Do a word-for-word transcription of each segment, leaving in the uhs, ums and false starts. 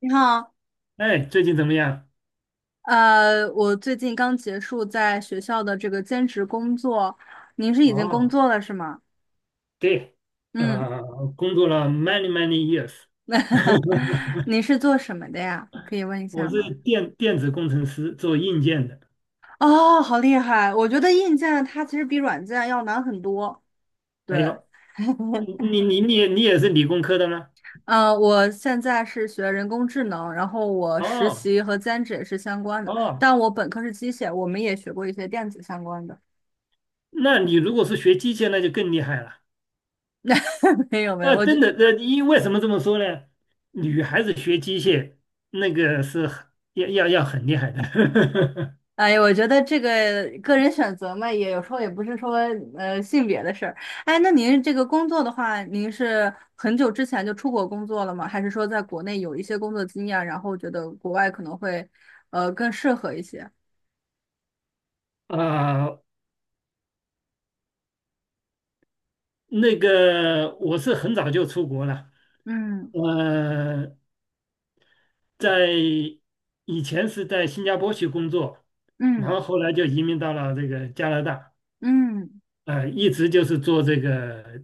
你好，哎，最近怎么样？呃，我最近刚结束在学校的这个兼职工作，您是已经工哦，作了是吗？对，嗯，呃，工作了 many many years，您是做什么的呀？可以问一我下是吗？电电子工程师，做硬件的。哦，好厉害！我觉得硬件它其实比软件要难很多。对，哎呦，你你你你也你也是理工科的吗？呃，我现在是学人工智能，然后我实哦习和兼职也是相关的，哦，但我本科是机械，我们也学过一些电子相关的。那你如果是学机械，那就更厉害了。没有没啊，有，我就真的，呃，因为什么这么说呢？女孩子学机械那个是很要要要很厉害的。哎，我觉得这个个人选择嘛，也有时候也不是说呃性别的事儿。哎，那您这个工作的话，您是很久之前就出国工作了吗？还是说在国内有一些工作经验，然后觉得国外可能会呃更适合一些？啊、那个我是很早就出国了，嗯呃，在以前是在新加坡去工作，然嗯后后来就移民到了这个加拿大，嗯，呃，一直就是做这个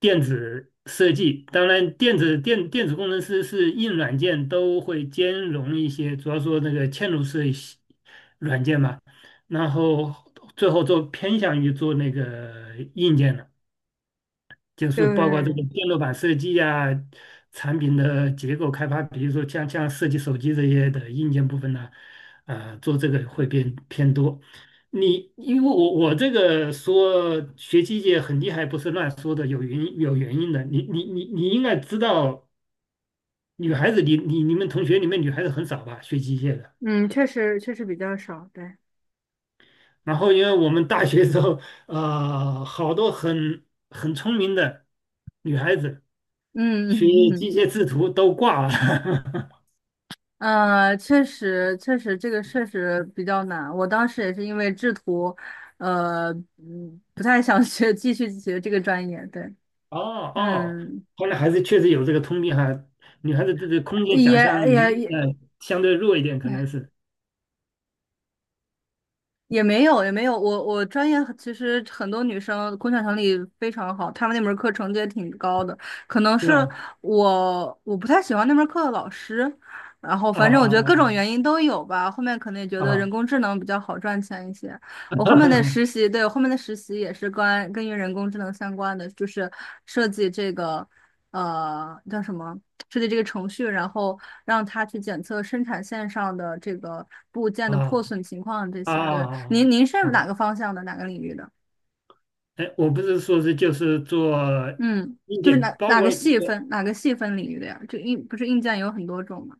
电子设计。当然，电子电电子工程师是硬软件都会兼容一些，主要说那个嵌入式系软件嘛，然后最后做偏向于做那个硬件了。就是包括这个对，电路板设计呀、产品的结构开发，比如说像像设计手机这些的硬件部分呢，呃，做这个会变偏多。你因为我我这个说学机械很厉害，不是乱说的，有原因有原因的。你你你你应该知道，女孩子你你你们同学里面女孩子很少吧，学机械的。嗯，确实确实比较少，对。然后因为我们大学时候，呃，好多很很聪明的女孩子。学嗯嗯机械制图都挂了。呃，确实，确实，这个确实比较难。我当时也是因为制图，呃，嗯，不太想学，继续学这个专业。对，哦哦，嗯，后来还是确实有这个通病哈，女孩子这个空间想也象能也力也，呃相对弱一点，可能是也没有，也没有。我我专业其实很多女生工作能力非常好，她们那门课成绩也挺高的。可能是是吧？我我不太喜欢那门课的老师，然后啊反正我觉得各种原啊因都有吧。后面可能也觉啊得人啊工智能比较好赚钱一些。我后面的啊实习，对，我后面的实习也是关跟于人工智能相关的，就是设计这个呃叫什么，设计这个程序，然后。让他去检测生产线上的这个部件啊的破损情况这啊！些。啊！对，您啊您是啊啊哪个方向的，哪个领域的？哎，我不是说是就是做嗯，硬就是件，哪包哪括个细分哪个细分领域的呀？就硬不是硬件有很多种吗？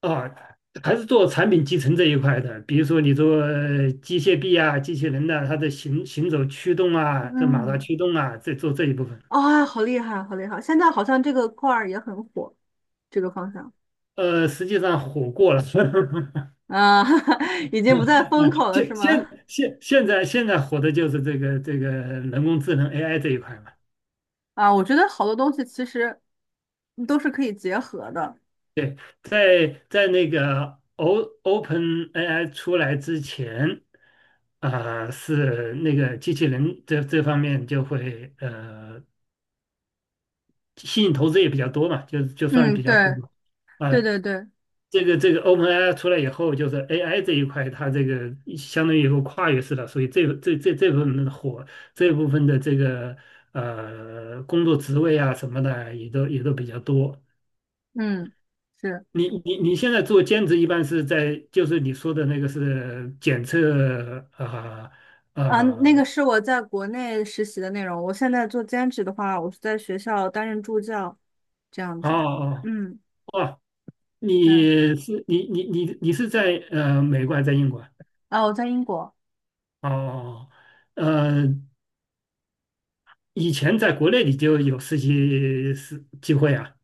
呃啊，还是做产品集成这一块的，比如说你做呃机械臂啊、机器人的、它的行行走驱动啊、这马达嗯，驱动啊，这做这一部分。啊、好厉害，好厉害！现在好像这个块儿也很火，这个方向呃，实际上火过了，啊，已经不在啊风口了，是现吗？现现现在现在火的就是这个这个人工智能 A I 这一块嘛。啊，我觉得好多东西其实都是可以结合的。对，在在那个 O Open A I 出来之前，啊、是那个机器人这这方面就会呃吸引投资也比较多嘛，就就算嗯，比较火对嘛。对啊、对对，这个这个 Open A I 出来以后，就是 A I 这一块，它这个相当于一个跨越式的，所以这这这这部分的火，这部分的这个呃工作职位啊什么的，也都也都比较多。嗯。是。你你你现在做兼职，一般是在就是你说的那个是检测啊啊嗯，呃那呃个是我在国内实习的内容。我现在做兼职的话，我是在学校担任助教，这样呃子。哦嗯，哦哦，对。你是你你你你是在呃美国还是在英国啊啊，我在英国。哦。哦哦呃，以前在国内你就有实习实机会啊？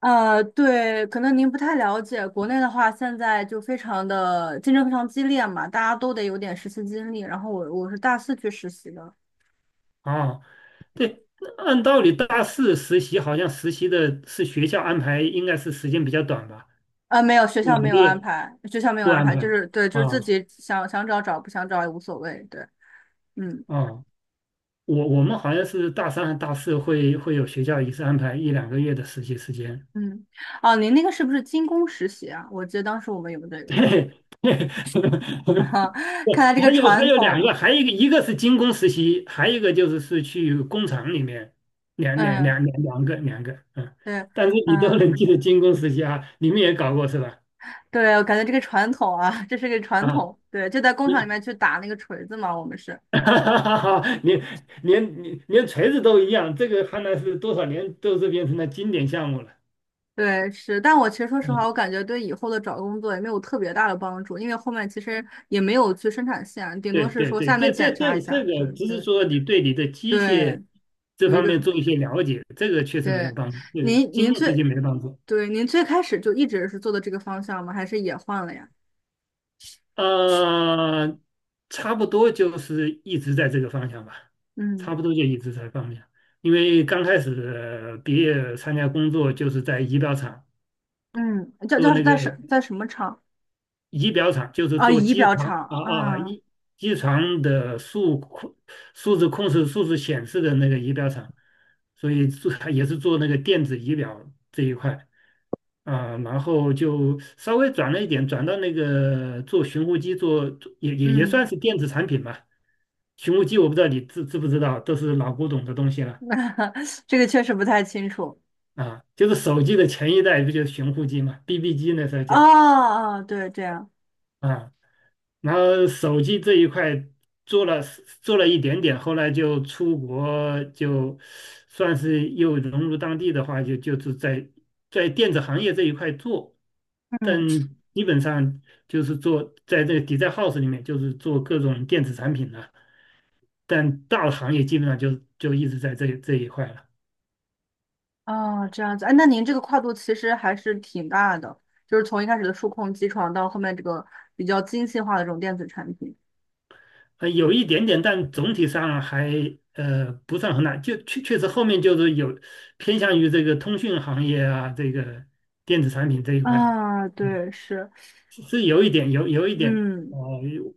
呃，对，可能您不太了解，国内的话，现在就非常的竞争非常激烈嘛，大家都得有点实习经历。然后我我是大四去实习的，啊，对，那按道理大四实习好像实习的是学校安排，应该是时间比较短吧？呃，没有，学校两个没有安月排，学校没有不安安排，排就是对，就啊是自己想想找找，不想找也无所谓。对，嗯啊，我我们好像是大三和大四会会有学校一次安排一两个月的实习时间 嗯。哦，您那个是不是金工实习啊？我记得当时我们有这 个。对，对 不 看来这还个有还传有两个，统，还有一个一个是精工实习，还有一个就是是去工厂里面，两两嗯，两两两个两个，嗯，对，但是你都嗯，能记得精工实习啊，你们也搞过是吧？对，我感觉这个传统啊，这是个传啊，统，对，就在工厂里你 面去打那个锤子嘛，我们是，哈哈哈 连连连锤子都一样，这个看来是多少年都是变成了经典项目了。对，是，但我其实说实话，我嗯感觉对以后的找工作也没有特别大的帮助，因为后面其实也没有去生产线，顶多对是对说对，下这面这检查一这这下，对个只是对说你对你的机械对，这有一方面个，做一些了解，这个确实没有对，帮助，这个您经您过实际最，没帮助。对，您最开始就一直是做的这个方向吗？还是也换了呀？呃，差不多就是一直在这个方向吧，嗯差不多就一直在方向。因为刚开始毕业参加工作就是在仪表厂嗯，叫做叫那个。在什在什么厂？仪表厂就是啊，做仪机表床厂，啊啊嗯一机床的数控数字控制、数字显示的那个仪表厂，所以做也是做那个电子仪表这一块啊，然后就稍微转了一点，转到那个做寻呼机做，做也也也算嗯，是电子产品吧。寻呼机我不知道你知知不知道，都是老古董的东西了 这个确实不太清楚。啊，就是手机的前一代不就是寻呼机嘛，B B 机那时候哦叫哦，对，这样，啊。然后手机这一块做了做了一点点，后来就出国，就算是又融入当地的话，就就是在在电子行业这一块做，但嗯，基本上就是做在这个 d e house 里面，就是做各种电子产品了，但大的行业基本上就就一直在这这一块了。哦，这样子，哎，那您这个跨度其实还是挺大的，就是从一开始的数控机床到后面这个比较精细化的这种电子产品。呃，有一点点，但总体上还呃不算很大。就确确实后面就是有偏向于这个通讯行业啊，这个电子产品这一块了。啊，嗯，对，是，是是有一点，有有一点，呃，嗯，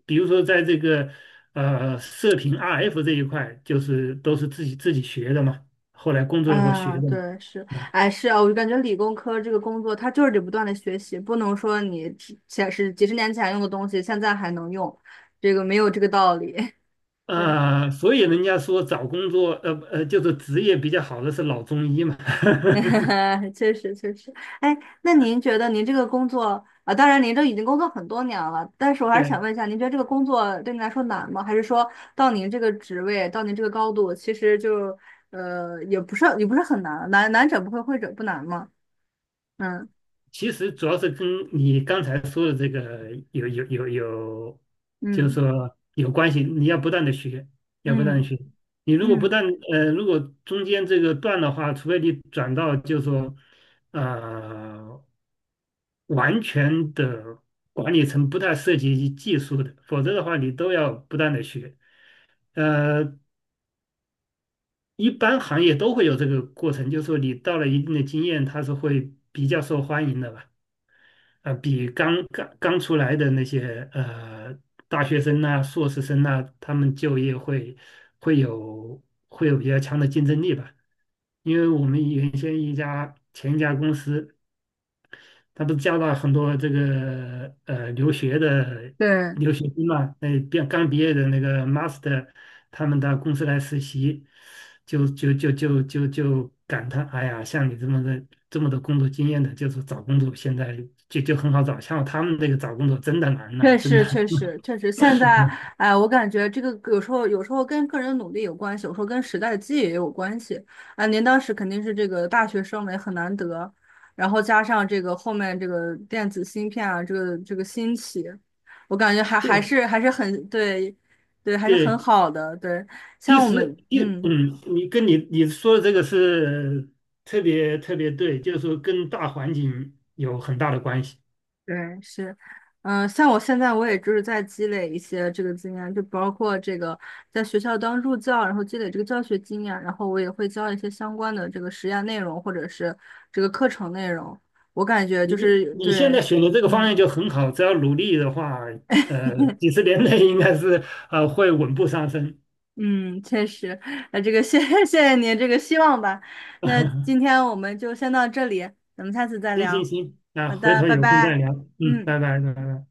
比如说在这个呃射频 R F 这一块，就是都是自己自己学的嘛，后来工作以后学啊，的嘛。对，是，嗯，哎，是啊，我就感觉理工科这个工作，它就是得不断的学习，不能说你之前是几十年前用的东西，现在还能用，这个没有这个道理。对。呃，所以人家说找工作，呃呃，就是职业比较好的是老中医嘛。确实确实，哎，那您觉得您这个工作啊，当然您都已经工作很多年了，但是我还是对想问一下，您觉得这个工作对您来说难吗？还是说到您这个职位，到您这个高度，其实就呃也不是也不是很难，难难者不会，会者不难嘛。嗯其实主要是跟你刚才说的这个有有有有，就是嗯说有关系。你要不断的学，要不断的嗯学。你如果不嗯，断呃，如果中间这个断的话，除非你转到就是说，呃，完全的管理层不太涉及技术的，否则的话你都要不断的学。呃，一般行业都会有这个过程，就是说你到了一定的经验，它是会比较受欢迎的吧。呃，比刚刚刚出来的那些呃大学生呐、硕士生呐、他们就业会会有会有比较强的竞争力吧。因为我们原先一家前一家公司，他都加了很多这个呃留学的对，留学生嘛，那毕刚毕业的那个 master，他们到公司来实习，就就就就就就感叹，哎呀，像你这么的这么多工作经验的，就是找工作现在就就很好找，像他们那个找工作真的难呐、确真的。实，确 实，确实，现在，哎，我感觉这个有时候，有时候跟个人努力有关系，有时候跟时代机遇也有关系。啊、您当时肯定是这个大学生嘛，也很难得，然后加上这个后面这个电子芯片啊，这个这个兴起，我感觉还还对是还是很对，对，还是很对，好的。对，其像我实们，一嗯。嗯，你跟你你说的这个是特别特别对，就是说跟大环境有很大的关系。对，是，嗯、像我现在我也就是在积累一些这个经验，就包括这个在学校当助教，然后积累这个教学经验，然后我也会教一些相关的这个实验内容或者是这个课程内容。我感觉就你是你现对，在选的这个方向嗯 就很好，只要努力的话，呃，几 十年内应该是呃会稳步上升。嗯，确实，那这个谢 谢谢您这个希望吧。那今 天我们就先到这里，咱们下次再行行聊。行，那好回的，头拜有空再拜。聊。嗯，嗯。拜拜拜拜。